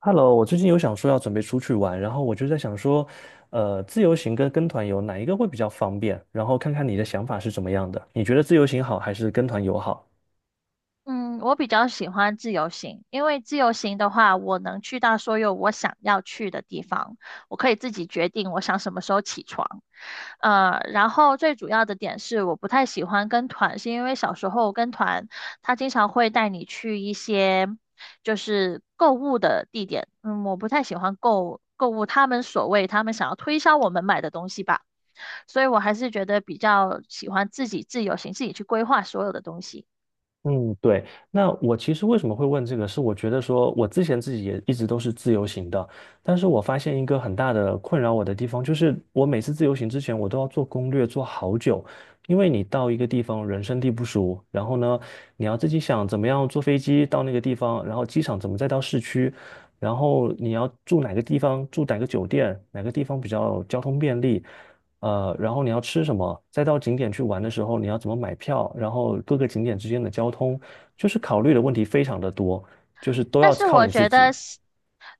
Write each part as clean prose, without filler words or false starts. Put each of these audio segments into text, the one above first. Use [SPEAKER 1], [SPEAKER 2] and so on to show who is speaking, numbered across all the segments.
[SPEAKER 1] Hello，我最近有想说要准备出去玩，然后我就在想说，自由行跟团游哪一个会比较方便？然后看看你的想法是怎么样的，你觉得自由行好还是跟团游好？
[SPEAKER 2] 嗯，我比较喜欢自由行，因为自由行的话，我能去到所有我想要去的地方，我可以自己决定我想什么时候起床。然后最主要的点是，我不太喜欢跟团，是因为小时候跟团，他经常会带你去一些就是购物的地点，我不太喜欢购物，他们所谓他们想要推销我们买的东西吧，所以我还是觉得比较喜欢自己自由行，自己去规划所有的东西。
[SPEAKER 1] 嗯，对。那我其实为什么会问这个，是我觉得说，我之前自己也一直都是自由行的，但是我发现一个很大的困扰我的地方，就是我每次自由行之前，我都要做攻略，做好久，因为你到一个地方人生地不熟，然后呢，你要自己想怎么样坐飞机到那个地方，然后机场怎么再到市区，然后你要住哪个地方，住哪个酒店，哪个地方比较交通便利。然后你要吃什么，再到景点去玩的时候你要怎么买票，然后各个景点之间的交通，就是考虑的问题非常的多，就是都
[SPEAKER 2] 但
[SPEAKER 1] 要
[SPEAKER 2] 是
[SPEAKER 1] 靠
[SPEAKER 2] 我
[SPEAKER 1] 你自
[SPEAKER 2] 觉
[SPEAKER 1] 己。
[SPEAKER 2] 得是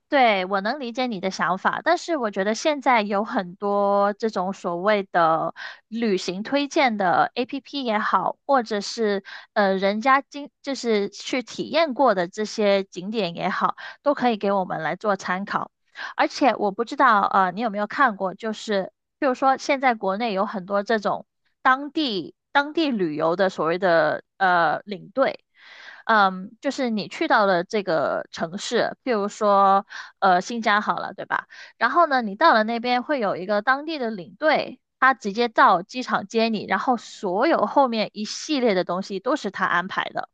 [SPEAKER 2] 对，我能理解你的想法，但是我觉得现在有很多这种所谓的旅行推荐的 APP 也好，或者是人家就是去体验过的这些景点也好，都可以给我们来做参考。而且我不知道，你有没有看过，就是比如说现在国内有很多这种当地旅游的所谓的领队，就是你去到了这个城市，譬如说新疆好了，对吧？然后呢，你到了那边会有一个当地的领队。他直接到机场接你，然后所有后面一系列的东西都是他安排的。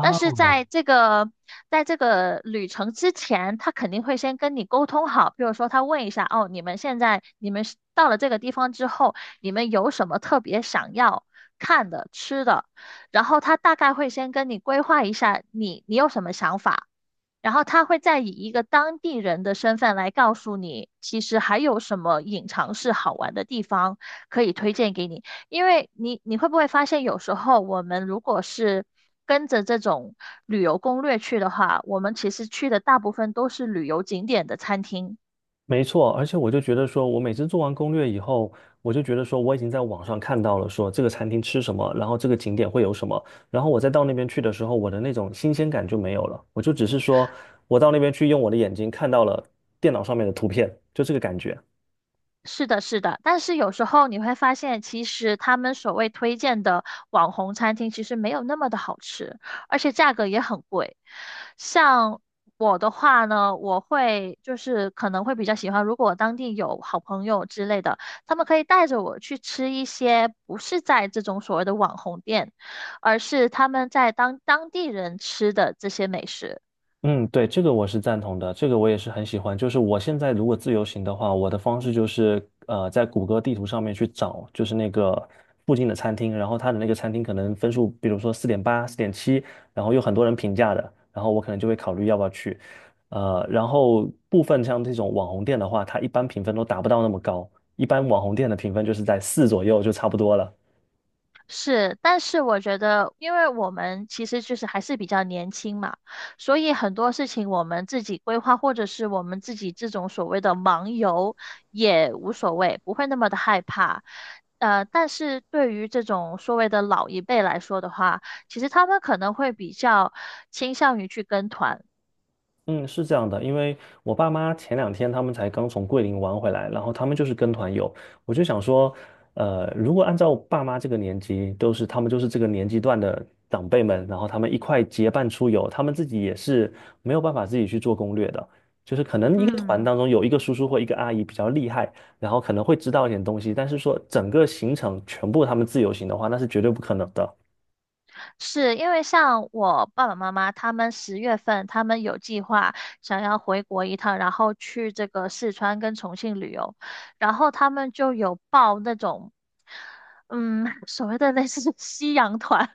[SPEAKER 2] 但是在这个旅程之前，他肯定会先跟你沟通好，比如说他问一下，哦，你们现在你们是到了这个地方之后，你们有什么特别想要看的、吃的，然后他大概会先跟你规划一下你有什么想法。然后他会再以一个当地人的身份来告诉你，其实还有什么隐藏式好玩的地方可以推荐给你。因为你会不会发现，有时候我们如果是跟着这种旅游攻略去的话，我们其实去的大部分都是旅游景点的餐厅。
[SPEAKER 1] 没错，而且我就觉得说，我每次做完攻略以后，我就觉得说，我已经在网上看到了说这个餐厅吃什么，然后这个景点会有什么，然后我再到那边去的时候，我的那种新鲜感就没有了，我就只是说我到那边去用我的眼睛看到了电脑上面的图片，就这个感觉。
[SPEAKER 2] 是的，是的，但是有时候你会发现，其实他们所谓推荐的网红餐厅，其实没有那么的好吃，而且价格也很贵。像我的话呢，我会就是可能会比较喜欢，如果当地有好朋友之类的，他们可以带着我去吃一些不是在这种所谓的网红店，而是他们在当地人吃的这些美食。
[SPEAKER 1] 嗯，对，这个我是赞同的，这个我也是很喜欢。就是我现在如果自由行的话，我的方式就是在谷歌地图上面去找，就是那个附近的餐厅，然后它的那个餐厅可能分数，比如说4.8、4.7，然后有很多人评价的，然后我可能就会考虑要不要去。然后部分像这种网红店的话，它一般评分都达不到那么高，一般网红店的评分就是在四左右就差不多了。
[SPEAKER 2] 是，但是我觉得，因为我们其实就是还是比较年轻嘛，所以很多事情我们自己规划，或者是我们自己这种所谓的盲游也无所谓，不会那么的害怕。但是对于这种所谓的老一辈来说的话，其实他们可能会比较倾向于去跟团。
[SPEAKER 1] 嗯，是这样的，因为我爸妈前两天他们才刚从桂林玩回来，然后他们就是跟团游，我就想说，如果按照爸妈这个年纪，都是他们就是这个年纪段的长辈们，然后他们一块结伴出游，他们自己也是没有办法自己去做攻略的，就是可能一个团
[SPEAKER 2] 嗯。
[SPEAKER 1] 当中有一个叔叔或一个阿姨比较厉害，然后可能会知道一点东西，但是说整个行程全部他们自由行的话，那是绝对不可能的。
[SPEAKER 2] 是因为像我爸爸妈妈，他们10月份他们有计划想要回国一趟，然后去这个四川跟重庆旅游，然后他们就有报那种，所谓的类似夕阳团、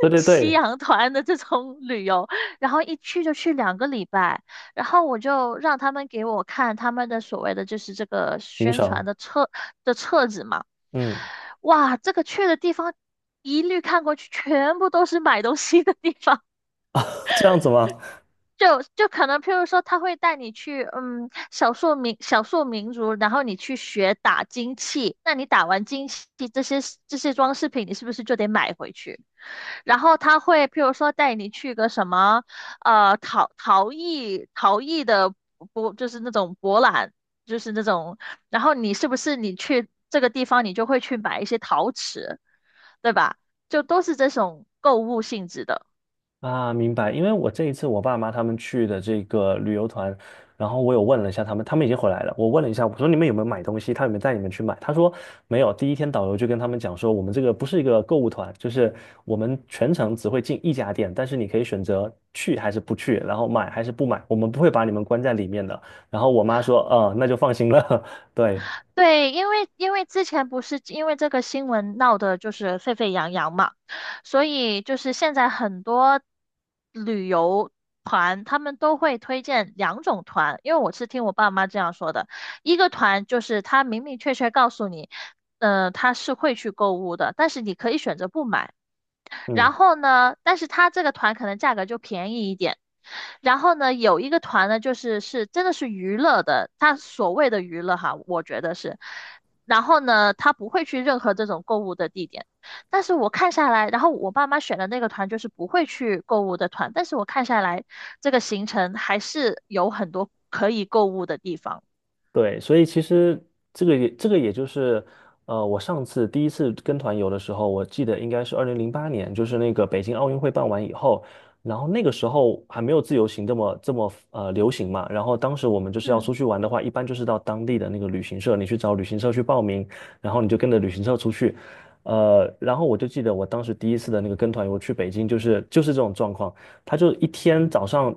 [SPEAKER 1] 对 对
[SPEAKER 2] 夕
[SPEAKER 1] 对，
[SPEAKER 2] 阳团的这种旅游，然后一去就去2个礼拜，然后我就让他们给我看他们的所谓的就是这个
[SPEAKER 1] 行
[SPEAKER 2] 宣传
[SPEAKER 1] 程，
[SPEAKER 2] 的册子嘛。
[SPEAKER 1] 嗯，
[SPEAKER 2] 哇，这个去的地方一律看过去，全部都是买东西的地方。
[SPEAKER 1] 这样子吗？
[SPEAKER 2] 就可能，譬如说，他会带你去，少数民族，然后你去学打金器。那你打完金器，这些这些装饰品，你是不是就得买回去？然后他会，譬如说，带你去个什么，陶艺的，就是那种博览，就是那种。然后你是不是你去这个地方，你就会去买一些陶瓷？对吧？就都是这种购物性质的。
[SPEAKER 1] 啊，明白。因为我这一次我爸妈他们去的这个旅游团，然后我有问了一下他们，他们已经回来了。我问了一下，我说你们有没有买东西？他有没有带你们去买？他说没有。第一天导游就跟他们讲说，我们这个不是一个购物团，就是我们全程只会进一家店，但是你可以选择去还是不去，然后买还是不买，我们不会把你们关在里面的。然后我妈说，那就放心了。对，
[SPEAKER 2] 对，因为之前不是因为这个新闻闹得就是沸沸扬扬嘛，所以就是现在很多旅游团他们都会推荐两种团，因为我是听我爸妈这样说的，一个团就是他明明确确告诉你，他是会去购物的，但是你可以选择不买。
[SPEAKER 1] 嗯。
[SPEAKER 2] 然后呢，但是他这个团可能价格就便宜一点。然后呢，有一个团呢，就是真的是娱乐的，他所谓的娱乐哈，我觉得是。然后呢，他不会去任何这种购物的地点。但是我看下来，然后我爸妈选的那个团就是不会去购物的团，但是我看下来这个行程还是有很多可以购物的地方。
[SPEAKER 1] 对，所以其实这个也就是，我上次第一次跟团游的时候，我记得应该是2008年，就是那个北京奥运会办完以后，然后那个时候还没有自由行这么流行嘛，然后当时我们就是要
[SPEAKER 2] 嗯，
[SPEAKER 1] 出去玩的话，一般就是到当地的那个旅行社，你去找旅行社去报名，然后你就跟着旅行社出去，然后我就记得我当时第一次的那个跟团游去北京，就是这种状况，他就一天早上。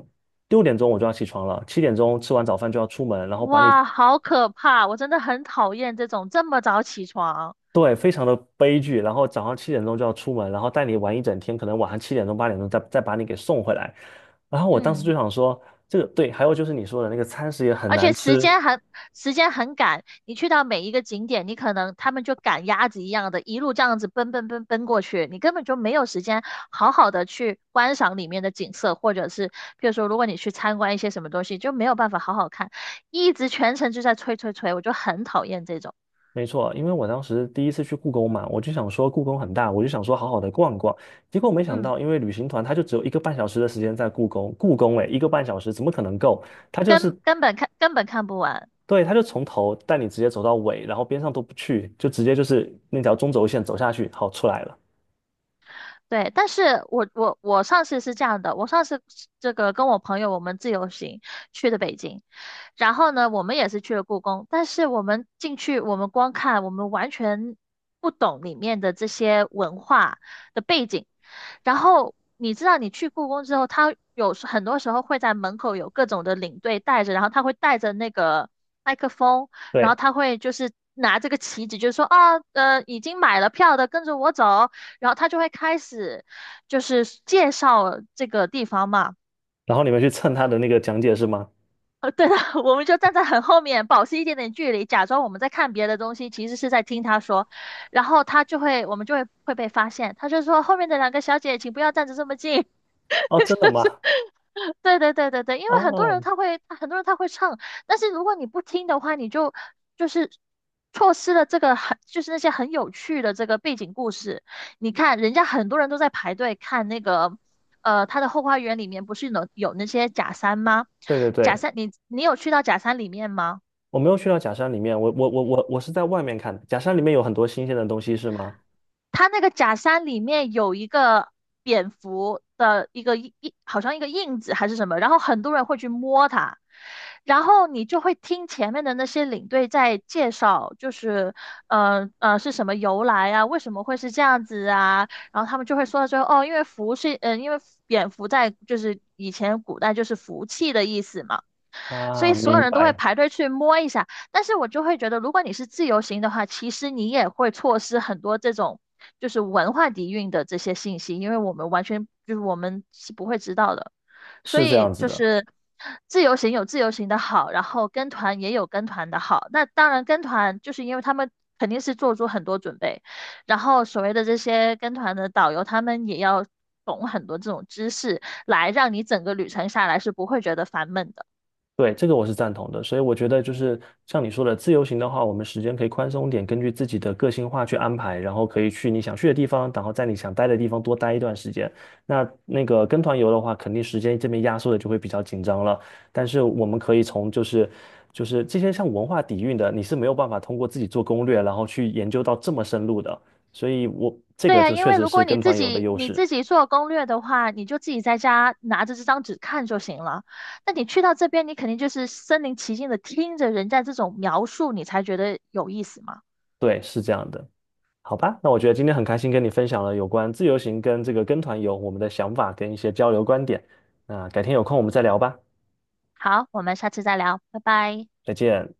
[SPEAKER 1] 6点钟我就要起床了，七点钟吃完早饭就要出门，然后把你
[SPEAKER 2] 哇，好可怕！我真的很讨厌这种这么早起床。
[SPEAKER 1] 对，非常的悲剧。然后早上7点钟就要出门，然后带你玩一整天，可能晚上7点钟、8点钟再把你给送回来。然后我当时就
[SPEAKER 2] 嗯。
[SPEAKER 1] 想说，这个对，还有就是你说的那个餐食也很
[SPEAKER 2] 而
[SPEAKER 1] 难
[SPEAKER 2] 且
[SPEAKER 1] 吃，
[SPEAKER 2] 时间很赶，你去到每一个景点，你可能他们就赶鸭子一样的，一路这样子奔奔奔奔过去，你根本就没有时间好好的去观赏里面的景色，或者是譬如说，如果你去参观一些什么东西，就没有办法好好看，一直全程就在催催催，我就很讨厌这种，
[SPEAKER 1] 没错，因为我当时第一次去故宫嘛，我就想说故宫很大，我就想说好好的逛逛，结果没想
[SPEAKER 2] 嗯，
[SPEAKER 1] 到，因为旅行团他就只有一个半小时的时间在故宫，故宫诶，一个半小时怎么可能够？他就是
[SPEAKER 2] 根本看不完。
[SPEAKER 1] 对，他就从头带你直接走到尾，然后边上都不去，就直接就是那条中轴线走下去，好出来了。
[SPEAKER 2] 对，但是我上次是这样的，我上次是这个跟我朋友我们自由行去的北京，然后呢，我们也是去了故宫，但是我们进去，我们光看，我们完全不懂里面的这些文化的背景。然后你知道，你去故宫之后，他很多时候会在门口有各种的领队带着，然后他会带着那个麦克风，然后
[SPEAKER 1] 对。
[SPEAKER 2] 他会就是拿这个旗子，就是说啊，已经买了票的跟着我走，然后他就会开始就是介绍这个地方嘛。
[SPEAKER 1] 然后你们去蹭他的那个讲解是吗？
[SPEAKER 2] 对的，我们就站在很后面，保持一点点距离，假装我们在看别的东西，其实是在听他说。然后他就会，我们就会被发现。他就说后面的两个小姐，请不要站着这么近。
[SPEAKER 1] 哦，真的吗？
[SPEAKER 2] 对对对对对，因为很多人
[SPEAKER 1] 哦，
[SPEAKER 2] 他会，很多人他会唱，但是如果你不听的话，你就是错失了这个很，就是那些很有趣的这个背景故事。你看，人家很多人都在排队看那个，他的后花园里面不是有那些假山吗？
[SPEAKER 1] 对对
[SPEAKER 2] 假
[SPEAKER 1] 对，
[SPEAKER 2] 山，你有去到假山里面吗？
[SPEAKER 1] 我没有去到假山里面，我是在外面看的。假山里面有很多新鲜的东西是吗？
[SPEAKER 2] 它那个假山里面有一个蝙蝠的一个印，好像一个印子还是什么，然后很多人会去摸它，然后你就会听前面的那些领队在介绍，就是是什么由来啊，为什么会是这样子啊，然后他们就会说到最后，哦，因为福是，因为蝙蝠在就是以前古代就是福气的意思嘛。所
[SPEAKER 1] 啊，
[SPEAKER 2] 以所有
[SPEAKER 1] 明
[SPEAKER 2] 人都会
[SPEAKER 1] 白，
[SPEAKER 2] 排队去摸一下。但是我就会觉得，如果你是自由行的话，其实你也会错失很多这种就是文化底蕴的这些信息，因为我们完全就是我们是不会知道的。所
[SPEAKER 1] 是这
[SPEAKER 2] 以
[SPEAKER 1] 样子
[SPEAKER 2] 就
[SPEAKER 1] 的。
[SPEAKER 2] 是自由行有自由行的好，然后跟团也有跟团的好。那当然跟团就是因为他们肯定是做出很多准备，然后所谓的这些跟团的导游，他们也要懂很多这种知识，来让你整个旅程下来是不会觉得烦闷的。
[SPEAKER 1] 对，这个我是赞同的，所以我觉得就是像你说的，自由行的话，我们时间可以宽松点，根据自己的个性化去安排，然后可以去你想去的地方，然后在你想待的地方多待一段时间。那那个跟团游的话，肯定时间这边压缩的就会比较紧张了。但是我们可以从就是这些像文化底蕴的，你是没有办法通过自己做攻略，然后去研究到这么深入的。所以我这
[SPEAKER 2] 对
[SPEAKER 1] 个
[SPEAKER 2] 呀，
[SPEAKER 1] 就
[SPEAKER 2] 因
[SPEAKER 1] 确
[SPEAKER 2] 为
[SPEAKER 1] 实
[SPEAKER 2] 如果
[SPEAKER 1] 是
[SPEAKER 2] 你
[SPEAKER 1] 跟
[SPEAKER 2] 自
[SPEAKER 1] 团游的
[SPEAKER 2] 己
[SPEAKER 1] 优
[SPEAKER 2] 你
[SPEAKER 1] 势，
[SPEAKER 2] 自己做攻略的话，你就自己在家拿着这张纸看就行了。那你去到这边，你肯定就是身临其境的听着人家这种描述，你才觉得有意思嘛。
[SPEAKER 1] 对，是这样的。好吧，那我觉得今天很开心跟你分享了有关自由行跟这个跟团游我们的想法跟一些交流观点。那改天有空我们再聊吧，
[SPEAKER 2] 好，我们下次再聊，拜拜。
[SPEAKER 1] 再见。